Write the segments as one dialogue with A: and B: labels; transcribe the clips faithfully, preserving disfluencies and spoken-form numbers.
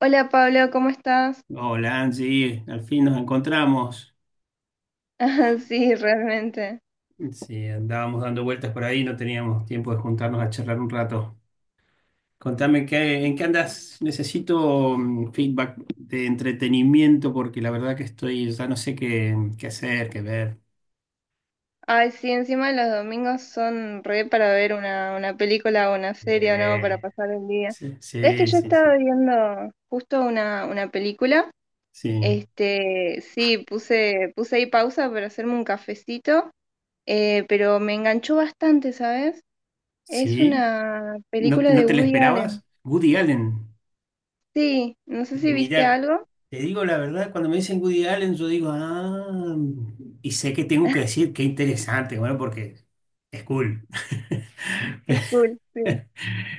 A: Hola Pablo, ¿cómo estás?
B: Hola Angie, al fin nos encontramos.
A: Ah, Sí, realmente.
B: Sí, andábamos dando vueltas por ahí, no teníamos tiempo de juntarnos a charlar un rato. Contame qué, en qué andas. Necesito mm, feedback de entretenimiento porque la verdad que estoy, ya no sé qué, qué hacer, qué ver.
A: Ay, sí, encima los domingos son re para ver una, una película o una serie o no, para
B: Eh,
A: pasar el día.
B: sí,
A: ¿Sabes que
B: sí,
A: yo
B: sí, sí.
A: estaba viendo justo una, una película?
B: Sí.
A: Este, sí, puse, puse ahí pausa para hacerme un cafecito, eh, pero me enganchó bastante, ¿sabes? Es
B: ¿Sí?
A: una
B: ¿No,
A: película
B: no
A: de
B: te la
A: Woody Allen.
B: esperabas? Woody Allen.
A: Sí, no sé si viste
B: Mira,
A: algo.
B: te digo la verdad, cuando me dicen Woody Allen, yo digo, ah, y sé que tengo que decir qué interesante, bueno, porque es cool.
A: Es cool, sí.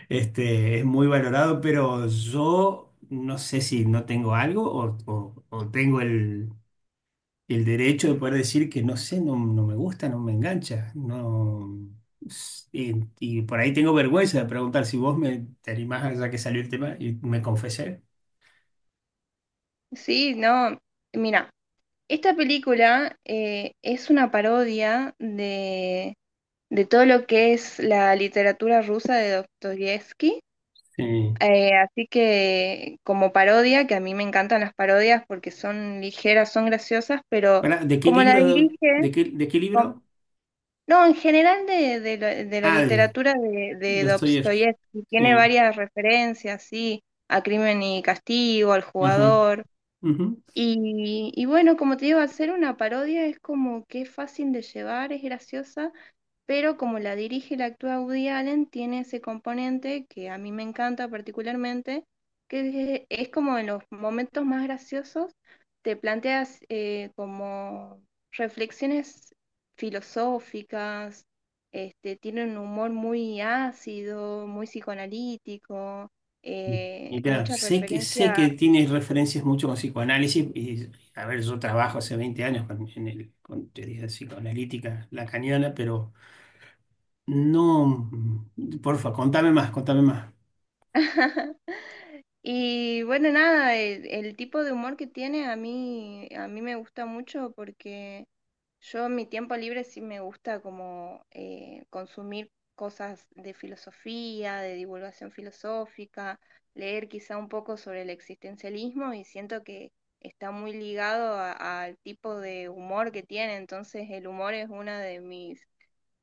B: Este, es muy valorado, pero yo no sé si no tengo algo o, o- o tengo el, el derecho de poder decir que no sé, no, no me gusta, no me engancha. No, y, y por ahí tengo vergüenza de preguntar si vos me, te animás, ya que salió el tema, y me confesé.
A: Sí, no, mira. Esta película eh, es una parodia de, de todo lo que es la literatura rusa de Dostoyevsky.
B: Sí.
A: Eh, así que como parodia, que a mí me encantan las parodias porque son ligeras, son graciosas, pero
B: Pará, ¿de qué
A: como la
B: libro?
A: dirige,
B: ¿De qué, de qué
A: com-
B: libro?
A: no, en general de, de la de la
B: Ah, de
A: literatura de, de
B: Dostoyevsky.
A: Dostoyevsky, tiene
B: Sí.
A: varias referencias, sí, a Crimen y Castigo, al
B: Ajá.
A: jugador.
B: Ujú.
A: Y, y bueno, como te digo, hacer una parodia es como que es fácil de llevar, es graciosa, pero como la dirige y la actúa Woody Allen, tiene ese componente que a mí me encanta particularmente, que es, es como en los momentos más graciosos te planteas eh, como reflexiones filosóficas, este, tiene un humor muy ácido, muy psicoanalítico, eh,
B: Y claro,
A: muchas
B: sé que, sé
A: referencias.
B: que tiene referencias mucho con psicoanálisis. Y, a ver, yo trabajo hace veinte años con, en el, con teoría psicoanalítica lacaniana, pero no. Porfa, contame más, contame más.
A: Y bueno, nada, el, el tipo de humor que tiene a mí, a mí me gusta mucho porque yo en mi tiempo libre sí me gusta como eh, consumir cosas de filosofía, de divulgación filosófica, leer quizá un poco sobre el existencialismo y siento que está muy ligado a- al tipo de humor que tiene, entonces el humor es una de mis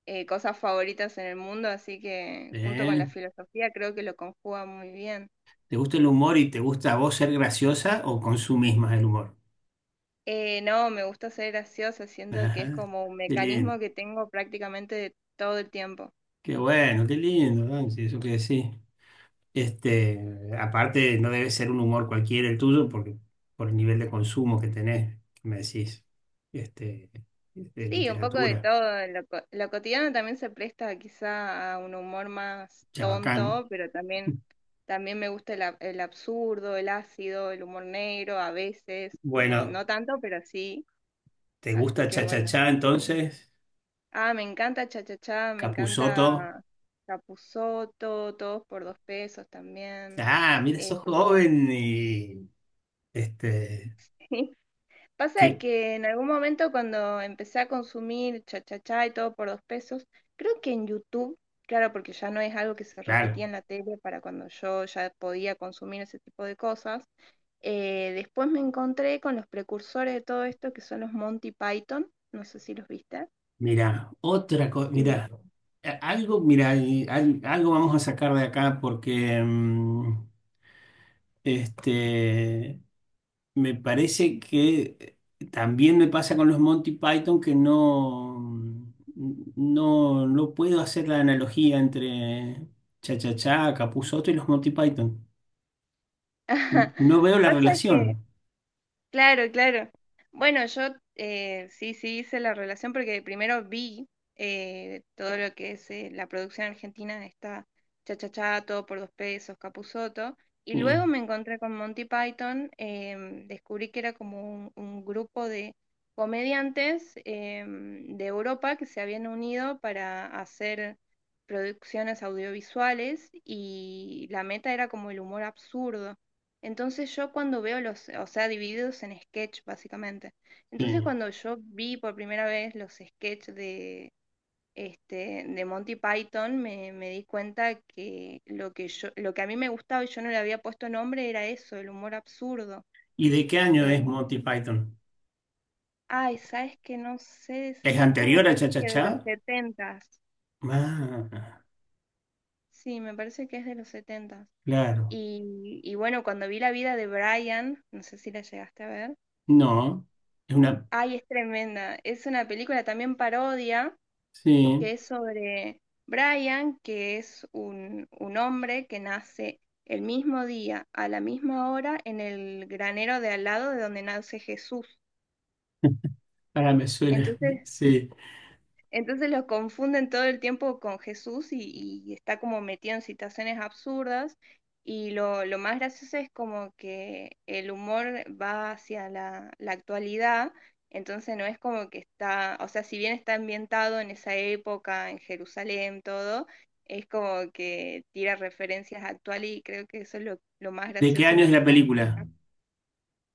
A: eh, cosas favoritas en el mundo, así que junto con la
B: ¿Eh?
A: filosofía creo que lo conjuga muy bien.
B: ¿Te gusta el humor y te gusta a vos ser graciosa o consumís más el humor?
A: Eh, no, me gusta ser graciosa, siento que es
B: Ajá.
A: como un
B: Qué lindo.
A: mecanismo que tengo prácticamente de todo el tiempo.
B: Qué bueno, qué lindo. Ah, sí, eso que decís. Este, aparte, no debe ser un humor cualquiera el tuyo, porque por el nivel de consumo que tenés, que me decís, este, de
A: Sí, un poco de
B: literatura,
A: todo. Lo, co- lo cotidiano también se presta quizá a un humor más
B: chabacán.
A: tonto, pero también, también me gusta el, ab- el absurdo, el ácido, el humor negro a veces. No,
B: Bueno,
A: no tanto, pero sí.
B: ¿te
A: Así
B: gusta
A: que bueno.
B: Cha-Cha-Cha entonces?
A: Ah, me encanta Cha Cha Cha, me
B: Capusotto.
A: encanta Capusotto, todos por dos pesos también.
B: Ah, mira, sos
A: Este,
B: joven y este,
A: pasa de
B: que,
A: que en algún momento cuando empecé a consumir Cha Cha Cha y todo por dos pesos, creo que en YouTube, claro, porque ya no es algo que se repetía
B: claro,
A: en la tele para cuando yo ya podía consumir ese tipo de cosas, eh, después me encontré con los precursores de todo esto que son los Monty Python, no sé si los viste.
B: mira, otra cosa,
A: Y
B: mira, a- algo, mira, y al- algo vamos a sacar de acá porque mm, este. Me parece que también me pasa con los Monty Python que no, no, no puedo hacer la analogía entre Cha Cha Cha, Capuzoto y los Monty Python. No veo la
A: pasa que
B: relación.
A: claro, claro. Bueno, yo eh, sí, sí hice la relación porque primero vi eh, todo lo que es eh, la producción argentina de esta Cha Todo por dos pesos, Capusotto, y
B: Sí,
A: luego me encontré con Monty Python, em, descubrí que era como un, un grupo de comediantes em, de Europa que se habían unido para hacer producciones audiovisuales y la meta era como el humor absurdo. Entonces yo cuando veo los, o sea, divididos en sketch básicamente.
B: sí.
A: Entonces cuando yo vi por primera vez los sketch de, este, de Monty Python, me, me di cuenta que lo que yo, lo que a mí me gustaba y yo no le había puesto nombre era eso, el humor absurdo.
B: ¿Y de qué año
A: Eh,
B: es Monty Python?
A: Ay, sabes que no sé
B: ¿Es
A: decirte, me
B: anterior a Cha
A: parece
B: Cha
A: que de
B: Cha?
A: los setentas.
B: Ah,
A: Sí, me parece que es de los setentas.
B: claro.
A: Y, y bueno, cuando vi la vida de Brian, no sé si la llegaste a ver.
B: No, es una...
A: Ay, es tremenda. Es una película también parodia que
B: Sí,
A: es sobre Brian, que es un, un hombre que nace el mismo día, a la misma hora, en el granero de al lado de donde nace Jesús.
B: ahora me suena.
A: Entonces
B: Sí.
A: Entonces los confunden todo el tiempo con Jesús y, y está como metido en situaciones absurdas. Y lo, lo más gracioso es como que el humor va hacia la, la actualidad, entonces no es como que está, o sea, si bien está ambientado en esa época, en Jerusalén, todo, es como que tira referencias actuales y creo que eso es lo, lo más
B: ¿De qué
A: gracioso,
B: año es
A: lo que
B: la
A: más
B: película?
A: destaca.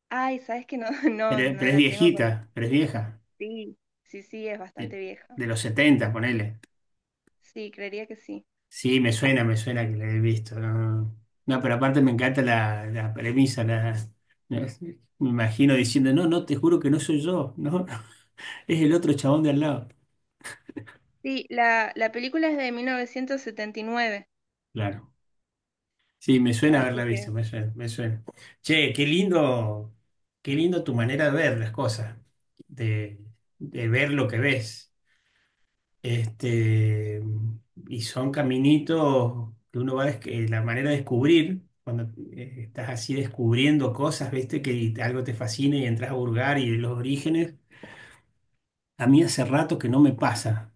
A: Ay, sabes que no, no,
B: Pero,
A: no
B: pero es
A: la tengo con
B: viejita, pero es vieja.
A: sí, sí, sí, es
B: de,
A: bastante vieja.
B: de los setenta ponele.
A: Sí, creería que sí.
B: Sí, me suena, me suena que la he visto. No, no, no, pero aparte me encanta la, la premisa. La, me imagino diciendo, no, no, te juro que no soy yo, no, es el otro chabón de al lado.
A: Sí, la, la película es de mil novecientos setenta y nueve,
B: Claro. Sí, me suena
A: así
B: haberla visto,
A: que,
B: me suena, me suena. Che, qué lindo, qué lindo tu manera de ver las cosas, de, de ver lo que ves. Este, y son caminitos que uno va a la manera de descubrir, cuando eh, estás así descubriendo cosas, viste, que algo te fascina y entras a burgar y los orígenes. A mí hace rato que no me pasa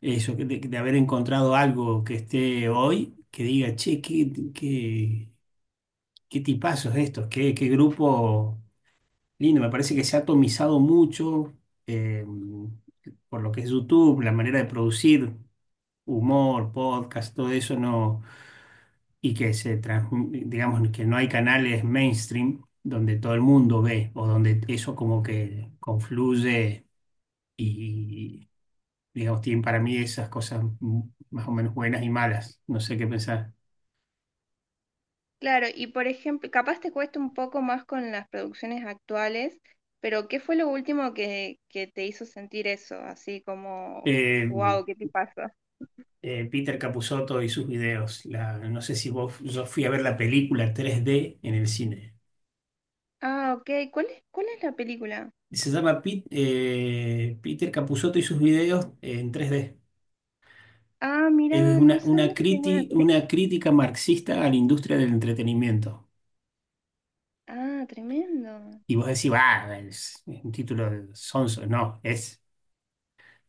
B: eso, que de, de haber encontrado algo que esté hoy, que diga, che, qué, qué, qué tipazos estos, qué, qué grupo lindo. Me parece que se ha atomizado mucho eh, por lo que es YouTube, la manera de producir humor, podcast, todo eso no, y que se transmi- digamos que no hay canales mainstream donde todo el mundo ve o donde eso como que confluye y, digamos, tienen para mí esas cosas m- más o menos buenas y malas, no sé qué pensar.
A: claro, y por ejemplo, capaz te cuesta un poco más con las producciones actuales, pero ¿qué fue lo último que, que te hizo sentir eso? Así como,
B: Eh,
A: wow, ¿qué te pasa?
B: eh, Peter Capusotto y sus videos, la- no sé si vos, yo fui a ver la película tres D en el cine.
A: Ah, ok, ¿cuál es, cuál es la película?
B: Se llama Pit- eh, Peter Capusotto y sus videos en tres D.
A: Ah,
B: Es
A: mira, no
B: una,
A: sabía
B: una,
A: que tenía una
B: criti-
A: película.
B: una crítica marxista a la industria del entretenimiento.
A: Ah, tremendo.
B: Y vos decís, va, es un título de sonso. No, es,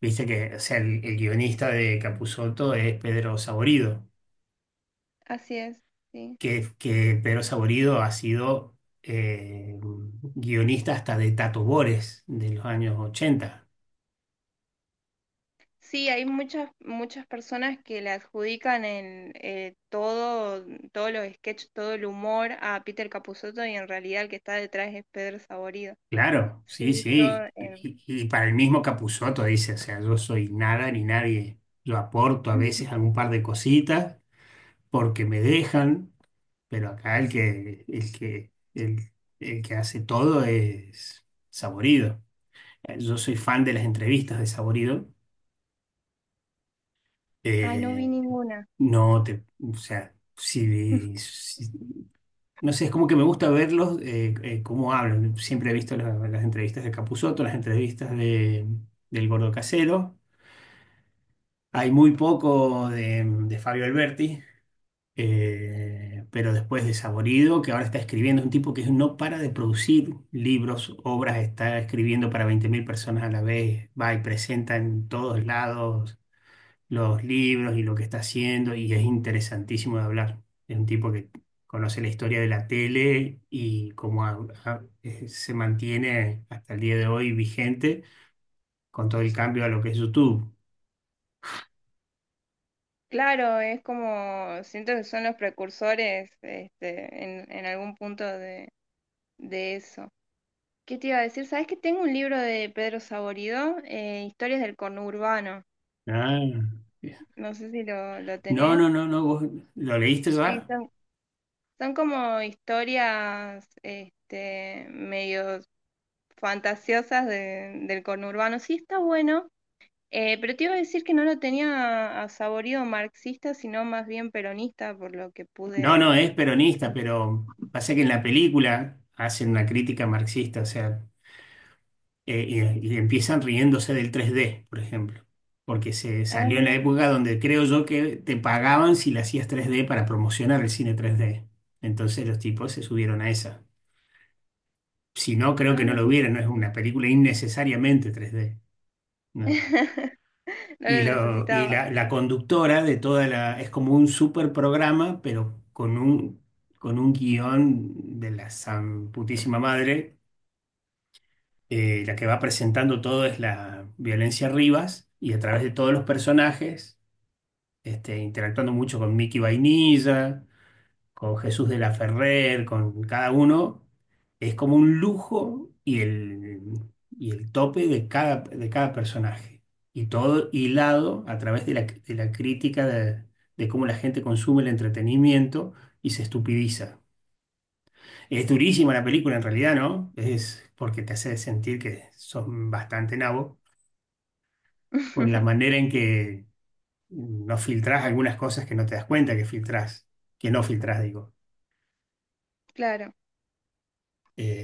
B: viste que, o sea, el, el guionista de Capusotto es Pedro Saborido,
A: Así es, sí.
B: que, que Pedro Saborido ha sido eh, guionista hasta de Tato Bores de los años ochenta.
A: Sí, hay muchas, muchas personas que le adjudican en eh, todo, todos los sketches, todo el humor a Peter Capusotto y en realidad el que está detrás es Pedro Saborido.
B: Claro,
A: Sí,
B: sí,
A: yo...
B: sí.
A: eh,
B: Y, y para el mismo Capusotto dice, o sea, yo soy nada ni nadie. Yo aporto a veces algún par de cositas porque me dejan, pero acá el que, el que, el, el que hace todo es Saborido. Eh, Yo soy fan de las entrevistas de Saborido.
A: Ay, no vi
B: Eh,
A: ninguna.
B: no te, o sea, si, si- no sé, es como que me gusta verlos, eh, eh, cómo hablan. Siempre he visto la- las entrevistas de Capusotto, las entrevistas de, del Gordo Casero. Hay muy poco de, de Fabio Alberti, eh, pero después de Saborido, que ahora está escribiendo, es un tipo que no para de producir libros, obras, está escribiendo para veinte mil personas a la vez, va y presenta en todos lados los libros y lo que está haciendo, y es interesantísimo de hablar. Es un tipo que conoce la historia de la tele y cómo ha- ha- eh, se mantiene hasta el día de hoy vigente con todo el cambio a lo que es YouTube.
A: Claro, es como, siento que son los precursores este, en, en algún punto de, de eso. ¿Qué te iba a decir? ¿Sabes que tengo un libro de Pedro Saborido, eh, Historias del conurbano?
B: Ah.
A: No sé si lo, lo
B: No,
A: tenés.
B: no, no, no, vos lo leíste
A: Sí,
B: ya.
A: son son como historias este, medio fantasiosas de- del conurbano. Sí, está bueno, eh, pero te iba a decir que no lo tenía a saborido marxista, sino más bien peronista, por lo que
B: No, no,
A: pude.
B: es peronista, pero pasa que en la película hacen una crítica marxista, o sea, eh, y, y empiezan riéndose del tres D, por ejemplo, porque se
A: Ah,
B: salió en la
A: mira.
B: época donde creo yo que te pagaban si le hacías tres D para promocionar el cine tres D. Entonces los tipos se subieron a esa. Si no, creo que no
A: Ay,
B: lo
A: qué
B: hubieran, no es
A: interesante.
B: una película innecesariamente tres D. No.
A: No
B: Y,
A: lo
B: lo, y
A: necesitaba.
B: la, la conductora de toda la... Es como un super programa, pero con un, con un guión de la san putísima madre. Eh, la que va presentando todo es la Violencia Rivas y a través de todos los personajes, este, interactuando mucho con Mickey Vainilla, con Jesús de la Ferrer, con cada uno, es como un lujo y el, y el tope de cada, de cada personaje. Y todo hilado a través de la, de la crítica de, de cómo la gente consume el entretenimiento y se estupidiza. Es durísima la película en realidad, ¿no? Es porque te hace sentir que son bastante nabo por la manera en que no filtrás algunas cosas que no te das cuenta que filtrás, que no filtrás, digo.
A: Claro,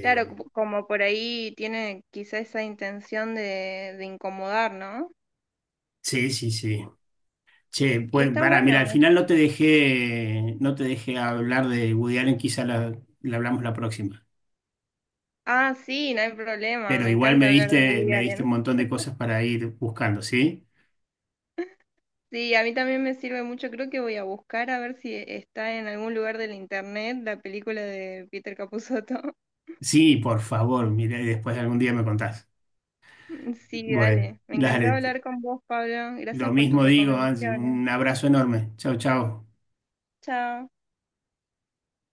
A: claro, como como por ahí tiene quizá esa intención de, de incomodar, ¿no?
B: sí, sí, sí. Che,
A: Y
B: pues
A: está
B: para, mira, al
A: bueno.
B: final no te dejé, no te dejé hablar de Woody Allen, quizá la, la hablamos la próxima.
A: Ah, sí, no hay problema.
B: Pero
A: Me
B: igual me
A: encanta hablar de
B: diste,
A: Woody
B: me diste un
A: Allen.
B: montón de cosas para ir buscando, ¿sí?
A: Sí, a mí también me sirve mucho. Creo que voy a buscar a ver si está en algún lugar del internet la película de Peter Capusotto.
B: Sí, por favor, mira, y después algún día me contás.
A: Sí,
B: Bueno,
A: dale. Me encantó
B: dale, te-
A: hablar con vos, Pablo.
B: lo
A: Gracias por tus
B: mismo digo, Angie,
A: recomendaciones.
B: un abrazo enorme. Chau, chau.
A: Chao.